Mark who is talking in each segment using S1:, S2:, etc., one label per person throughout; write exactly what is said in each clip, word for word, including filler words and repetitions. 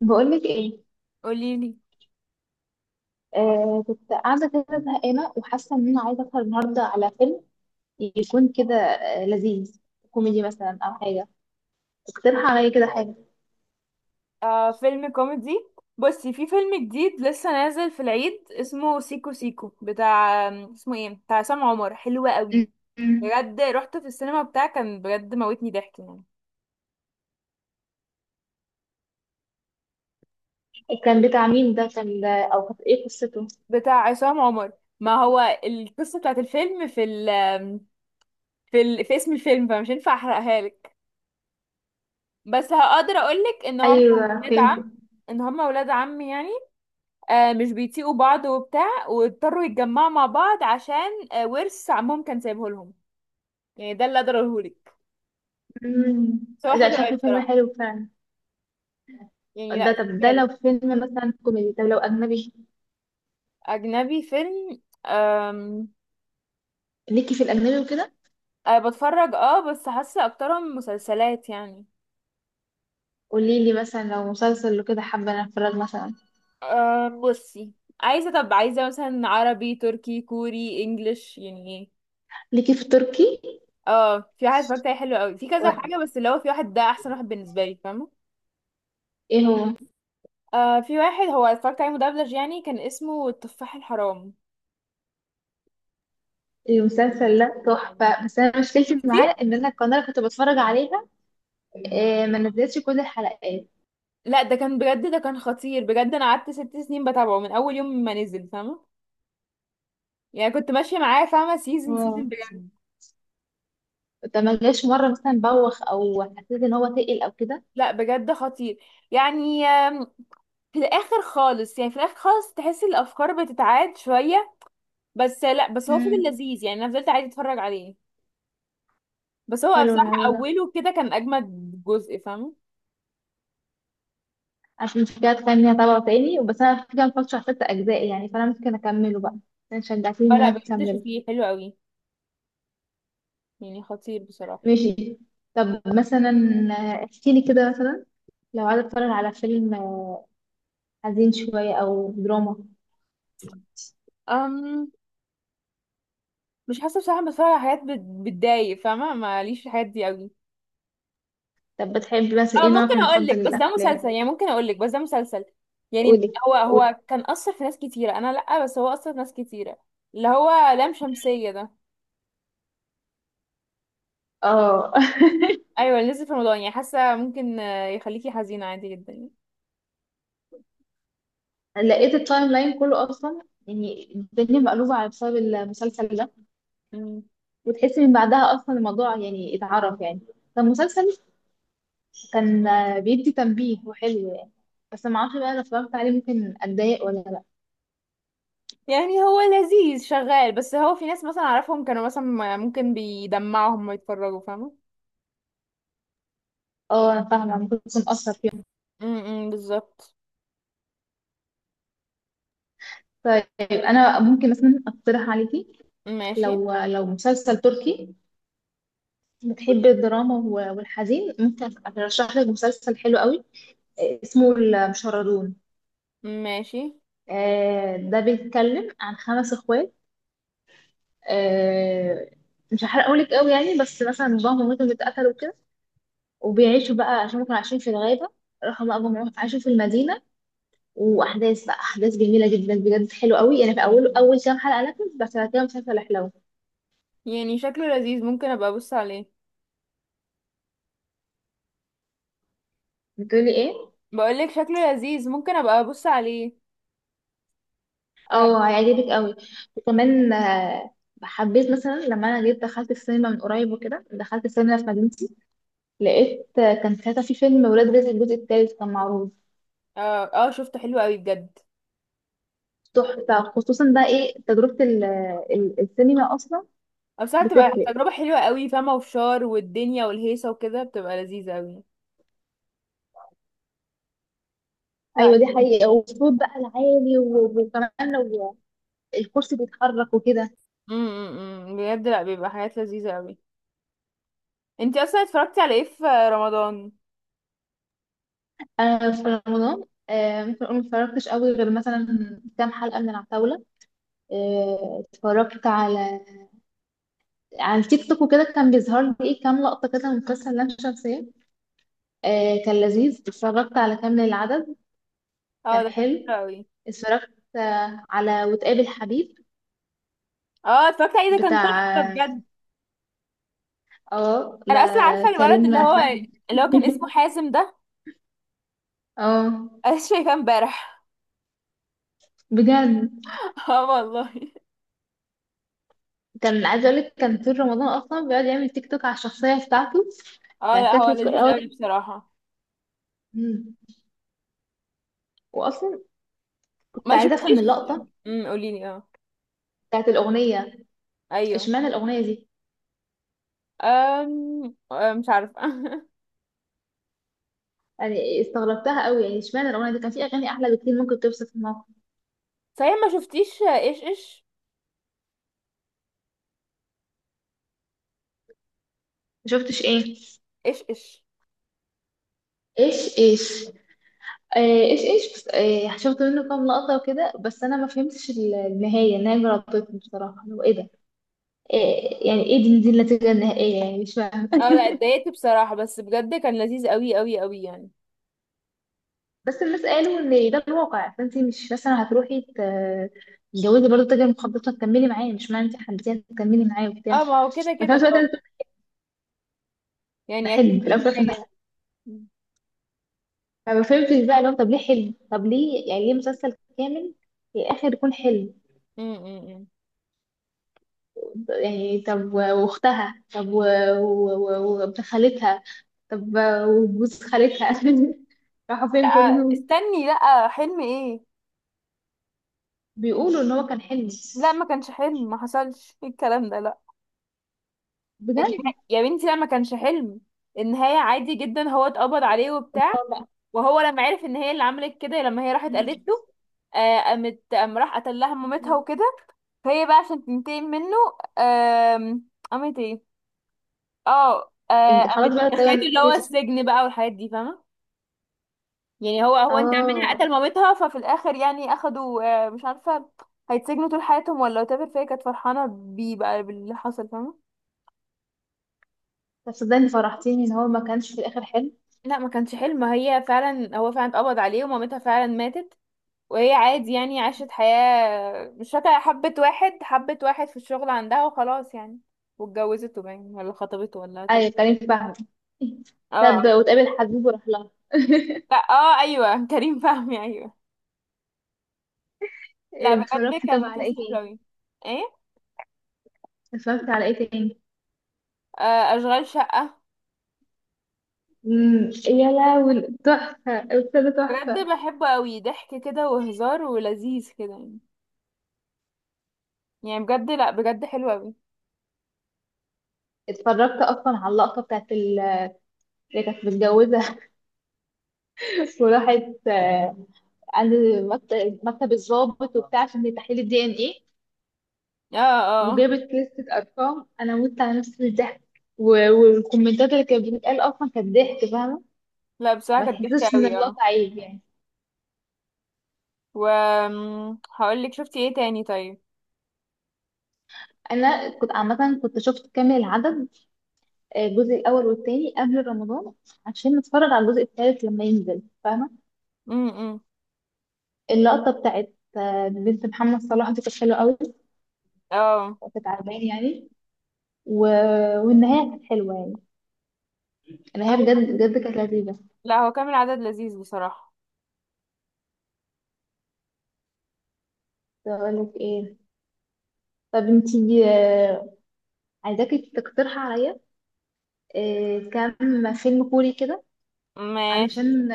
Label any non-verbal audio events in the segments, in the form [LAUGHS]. S1: بقولك ايه؟
S2: قوليلي.
S1: آه كنت قاعده كده زهقانه وحاسه ان انا عايزه اسهر النهارده على فيلم يكون كده آه لذيذ،
S2: مم.
S1: كوميدي مثلا او حاجه. اقترح عليا كده حاجه.
S2: آه، فيلم كوميدي. بصي، في فيلم جديد لسه نازل في العيد اسمه سيكو سيكو، بتاع اسمه ايه، بتاع عصام عمر، حلو
S1: م-
S2: قوي.
S1: م.
S2: بجد رحت في السينما بتاع، كان بجد موتني ضحك يعني.
S1: كان بتاع مين ده؟ كان ده او كانت ايه قصته؟
S2: بتاع عصام عمر. ما هو القصة بتاعت الفيلم في ال في ال في اسم الفيلم، فمش هينفع احرقها لك. بس هقدر اقولك ان هم
S1: ايوه
S2: ولاد عم
S1: فهمت.
S2: ان هم ولاد عم يعني. آه، مش بيطيقوا بعض وبتاع، واضطروا يتجمعوا مع بعض عشان آه، ورث عمهم كان سايبه لهم. يعني ده اللي اقدر اقولهولك.
S1: م.
S2: بس هو
S1: ده
S2: حلو قوي
S1: شكله فيلم
S2: بصراحه.
S1: حلو فعلا.
S2: يعني
S1: ده
S2: لا،
S1: طب
S2: اتفرجي
S1: ده
S2: عليه.
S1: لو فيلم مثلا كوميدي، طب لو اجنبي،
S2: اجنبي فيلم أم...
S1: ليكي في الاجنبي وكده؟
S2: أه بتفرج، اه بس حاسه اكترهم مسلسلات يعني.
S1: قولي لي مثلا لو مسلسل وكده حابه أنا اتفرج مثلا.
S2: أم... بصي، عايزه، طب عايزه مثلا عربي تركي كوري انجليش يعني ايه.
S1: ليكي في تركي؟
S2: اه، في واحد اتفرجت عليه حلو قوي، في
S1: و...
S2: كذا حاجه، بس اللي هو في واحد ده احسن واحد بالنسبه لي، فاهمه.
S1: ايه هو؟
S2: آه، في واحد هو اتفرجت عليه مدبلج يعني، كان اسمه التفاح الحرام.
S1: المسلسل ده تحفة، بس أنا مشكلتي
S2: شفتي؟
S1: معاه إن أنا القناة اللي كنت بتفرج عليها آه، ما نزلتش كل الحلقات.
S2: لا، ده كان بجد، ده كان خطير بجد. انا قعدت ست سنين بتابعه من اول يوم ما نزل، فاهمه. يعني كنت ماشيه معاه، فاهمه، سيزون
S1: واو.
S2: سيزون، بجد.
S1: ده ما جاش مرة مثلا بوخ أو حسيت إن هو تقل أو كده؟
S2: لا بجد خطير. يعني آم، في الاخر خالص، يعني في الاخر خالص تحس الافكار بتتعاد شويه. بس لا، بس هو فضل
S1: مم.
S2: لذيذ يعني، انا فضلت عادي اتفرج عليه. بس هو
S1: حلو
S2: بصراحه
S1: الموضوع ده،
S2: اوله كده كان اجمد جزء، فاهمه.
S1: عشان مش كده تخليني أتابعه تاني. بس أنا في كام فترة شفت أجزاء يعني، فأنا ممكن أكمله بقى عشان شجعتني إن أنا
S2: فلا بجد،
S1: أكمله.
S2: شوفيه حلو قوي. يعني خطير بصراحه.
S1: ماشي. طب مثلا، آه، احكيلي كده مثلا لو عايزة أتفرج على فيلم آه، حزين شوية أو دراما.
S2: أم مش حاسه بصراحه، بتفرج على حاجات بت- بتضايق فاهمه، ماليش في الحاجات دي قوي.
S1: طب بتحب مثلا
S2: اه
S1: إيه نوعك
S2: ممكن اقول
S1: المفضل
S2: لك بس ده مسلسل.
S1: للأفلام؟
S2: يعني ممكن اقول لك بس ده مسلسل يعني
S1: قولي
S2: هو
S1: قولي.
S2: هو كان اثر في ناس كتيره، انا لا، بس هو اثر في ناس كتيره. اللي هو لام شمسيه ده.
S1: اه.
S2: ايوه اللي نزل في رمضان. يعني حاسه ممكن آه، يخليكي حزينه عادي جدا يعني.
S1: [LAUGHS] لقيت التايم لاين كله اصلا، يعني الدنيا مقلوبه على بسبب المسلسل ده.
S2: مم.
S1: وتحسي من بعدها اصلا الموضوع يعني اتعرف يعني. فالمسلسل كان آه، بيدي تنبيه وحلو يعني. بس ما اعرفش بقى لو اتفرجت عليه ممكن اتضايق ولا لا.
S2: يعني هو لذيذ شغال، بس هو في ناس مثلا اعرفهم كانوا مثلا ما- ممكن بيدمعهم ما يتفرجوا، فاهمه.
S1: اه انا فاهمه، ممكن تكون اثر فيهم.
S2: امم بالظبط.
S1: طيب. انا ممكن مثلا اقترح عليكي.
S2: ماشي.
S1: لو لو مسلسل تركي، بتحبي الدراما والحزين، ممكن ارشح لك مسلسل حلو قوي. آه، اسمه المشردون.
S2: ماشي.
S1: آه، ده بيتكلم عن خمس اخوات. آه، مش هحرقهولك قوي يعني، بس مثلا باباهم ومامتهم اتقتلوا كده وبيعيشوا بقى، عشان هم كانوا عايشين في الغابة، راحوا بقى هم عاشوا في المدينة. وأحداث بقى أحداث جميلة جدا بجد، حلو قوي يعني في أول أول كام حلقة، لكن بس بعد كده مسلسل حلو.
S2: يعني شكله لذيذ، ممكن ابقى ابص عليه.
S1: بتقولي إيه؟
S2: بقولك شكله لذيذ ممكن ابقى ابص عليه. آه،
S1: أه هيعجبك قوي. وكمان آه، حبيت مثلا لما أنا جيت دخلت السينما من قريب وكده، دخلت السينما في مدينتي، لقيت آه، كان ساعتها في فيلم ولاد رزق الجزء التالت كان معروض.
S2: اه اه، شفته حلو قوي بجد.
S1: تحفة، خصوصا بقى ايه تجربة ال- ال- السينما اصلا.
S2: او ساعات بتبقى
S1: بتفرق.
S2: تجربة حلوة قوي، فاهمة، وفشار والدنيا والهيصة وكده بتبقى لذيذة قوي.
S1: ايوه
S2: لا.
S1: دي حقيقة، والصوت بقى العالي و- وكمان لو الكرسي بيتحرك وكده.
S2: امم، بجد لا، بيبقى حاجات لذيذة قوي. انتي اصلا اتفرجتي على ايه في رمضان؟
S1: انا في رمضان آه، ممكن اقول ما اتفرجتش قوي غير مثلا كام حلقة من العتاولة. آه، اتفرجت على على التيك توك وكده، كان بيظهر لي ايه كام لقطة كده من مسلسل لام شمسية. آه، كان لذيذ، اتفرجت على كامل العدد.
S2: اه
S1: كان
S2: ده كان حلو
S1: حلو.
S2: قوي.
S1: اتفرجت آه، على وتقابل حبيب
S2: اه اتفرجت عليه، ده كان تحفة
S1: بتاع،
S2: بجد.
S1: اه
S2: انا
S1: ده
S2: اصلا عارفة الولد اللي
S1: كريم
S2: هو،
S1: فهمي.
S2: اللي هو كان اسمه
S1: [LAUGHS]
S2: حازم ده.
S1: اه.
S2: انا لسه شايفاه امبارح.
S1: بجد
S2: [LAUGHS] اه والله.
S1: كان عايزه اقول لك كان طول رمضان اصلا بيقعد يعمل تيك توك على الشخصيه بتاعته.
S2: اه
S1: كان
S2: لا هو
S1: شكله في
S2: لذيذ
S1: الأول
S2: قوي
S1: ده.
S2: بصراحة.
S1: مم. واصلا كنت
S2: ما
S1: عايزه افهم
S2: شفتيش.
S1: اللقطه
S2: امم قوليلي، اه.
S1: بتاعت الاغنيه.
S2: ايوه.
S1: اشمعنى الاغنيه دي؟
S2: أم... أم، مش عارفة. [LAUGHS]
S1: يعني استغربتها قوي يعني، اشمعنى الاغنيه دي؟ كان في اغاني احلى بكتير ممكن توصف الموقف.
S2: صحيح، ما شفتيش ايش ايش؟
S1: ما شفتش ايه؟
S2: ايش ايش.
S1: ايش ايش. آه ايش ايش، بس آه شفت منه كام لقطه وكده، بس انا ما فهمتش ال- النهايه النهايه جربتني بصراحه لو ايه ده. إيه يعني؟ ايه دي, دي النتيجة النهائية؟ يعني مش فاهمة.
S2: اه لا، اتضايقت بصراحة، بس بجد كان لذيذ قوي قوي قوي يعني.
S1: بس الناس قالوا ان ده الواقع، فانت مش مثلا هتروحي ت- تتجوزي برضه تاجر مخدرات، هتكملي معاه؟ مش معنى انت حبيتيه هتكملي معاه وبتاع.
S2: اه ما هو كده
S1: ففي
S2: كده
S1: نفس الوقت
S2: اه.
S1: أنا بتقول ده
S2: يعني اكيد
S1: حلم في الاول وفي
S2: في
S1: الآخر ده
S2: نهاية.
S1: حلم.
S2: م-
S1: فما فهمتش بقى لو طب ليه حلم؟ طب ليه يعني ليه مسلسل كامل في الاخر يكون حلم؟
S2: م- م.
S1: يعني طب و- واختها، طب و- و- و- وابن خالتها، طب وجوز خالتها، [LAUGHS] راحوا
S2: لا،
S1: فين كلهم؟
S2: استني، لا، حلم ايه؟
S1: بيقولوا ان هو كان حلم.
S2: لا ما كانش حلم، ما حصلش، إيه الكلام ده، لا. النها-
S1: بجد.
S2: يا بنتي لا، ما كانش حلم. النهاية عادي جدا، هو اتقبض عليه وبتاع. وهو لما عرف ان هي اللي عملت كده، لما هي راحت قالت له، آه قامت قام راح قتل لها مامتها وكده. فهي بقى عشان تنتقم منه، آم، قامت ايه، اه آه،
S1: إج-
S2: قامت
S1: خلاص بقى كده
S2: دخلته اللي هو
S1: نسيته صح؟
S2: السجن بقى والحاجات دي، فاهمة. يعني هو هو انت منها
S1: اه.
S2: قتل مامتها، ففي الاخر يعني اخدوا آه، مش عارفة، هيتسجنوا طول حياتهم ولا whatever. فهي كانت فرحانة بيه بقى باللي حصل، فاهمة.
S1: طب صدقني فرحتيني ان هو ما كانش في الاخر حلو.
S2: لا ما كانش حلم، هي فعلا، هو فعلا اتقبض عليه، ومامتها فعلا ماتت. وهي عادي يعني، عاشت حياة مش فاكرة، حبت واحد، حبت واحد في الشغل عندها، وخلاص يعني. واتجوزته باين ولا خطبته ولا تب.
S1: ايوه كريم فهمي.
S2: اه آه.
S1: تصدق وتقابل حبيب وراح لها.
S2: لا اه ايوه [LAUGHS] كريم فهمي، ايوه. لا بجد
S1: اتفرجت
S2: كان
S1: طبعا على ايه
S2: مسلسل حلو
S1: تاني؟
S2: اوي. ايه.
S1: اتفرجت على ايه تاني؟
S2: آه اشغال شقة.
S1: امم. يا لهوي تحفه الاستاذه
S2: بجد
S1: تحفه.
S2: بحبه اوي، ضحك كده وهزار ولذيذ كده يعني. يعني بجد لا بجد حلو اوي.
S1: اتفرجت اصلا على اللقطه بتاعت ال- اللي كانت متجوزه، [LAUGHS] وراحت آه، عند مكت- مكتب الضابط وبتاع عشان تحليل الدي ان ايه،
S2: اه اه [LAUGHS]
S1: وجابت لستة أرقام، أنا مت على نفسي من الضحك. و- والكومنتات اللي كانت بتتقال أصلا كانت ضحك فاهمة.
S2: لا بصراحة
S1: ما
S2: كانت ضحكة
S1: تحسش إن
S2: اوي اه.
S1: اللقطة عيب يعني.
S2: و هقول لك، شفتي ايه تاني طيب؟
S1: أنا كنت عامة كنت شفت كامل العدد آه، الجزء الأول والتاني قبل رمضان عشان نتفرج على الجزء التالت لما ينزل فاهمة.
S2: امم
S1: اللقطة بتاعت آه، بنت محمد صلاح دي كانت حلوة أوي،
S2: اه.
S1: كانت عجباني يعني. و... والنهاية كانت حلوة يعني، النهاية
S2: هو
S1: بجد بجد كانت لذيذة.
S2: لا هو كامل عدد لذيذ بصراحة.
S1: كنت أقول لك إيه؟ طب انتي آه، عايزاكي تقترحي عليا إيه، كام فيلم كوري كده
S2: ماشي.
S1: علشان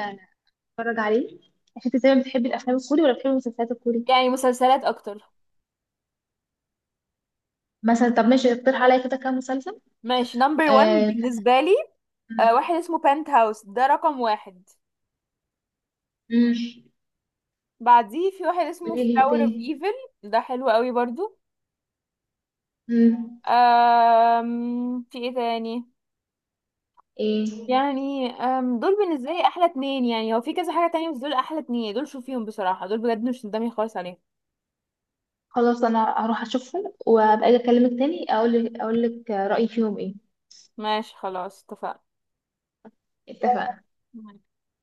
S1: اتفرج عليه؟ مش انت زي ما بتحبي الافلام الكوري ولا بتحبي المسلسلات الكوري؟
S2: يعني مسلسلات اكتر.
S1: مثلا طب ماشي، اقترح عليا كده كام مسلسل.
S2: ماشي، نمبر وان
S1: آه، كان-
S2: بالنسبة لي. آه، واحد اسمه بنت هاوس، ده رقم واحد.
S1: مم،
S2: بعديه، في واحد اسمه
S1: قولي لي إيه
S2: فلاور اوف
S1: تاني؟
S2: ايفل، ده حلو قوي برضو.
S1: مم،
S2: أم... في ايه تاني؟
S1: ايه.
S2: يعني أم... دول بالنسبة لي احلى اتنين، يعني هو في كذا حاجة تانية، بس دول احلى اتنين، دول شوفيهم بصراحة، دول بجد مش ندمي خالص عليهم.
S1: خلاص انا هروح اشوفهم وابقى اجي اكلمك تاني، اقول لك اقول لك رايي فيهم ايه.
S2: ماشي خلاص.
S1: اتفقنا.
S2: اتفقنا.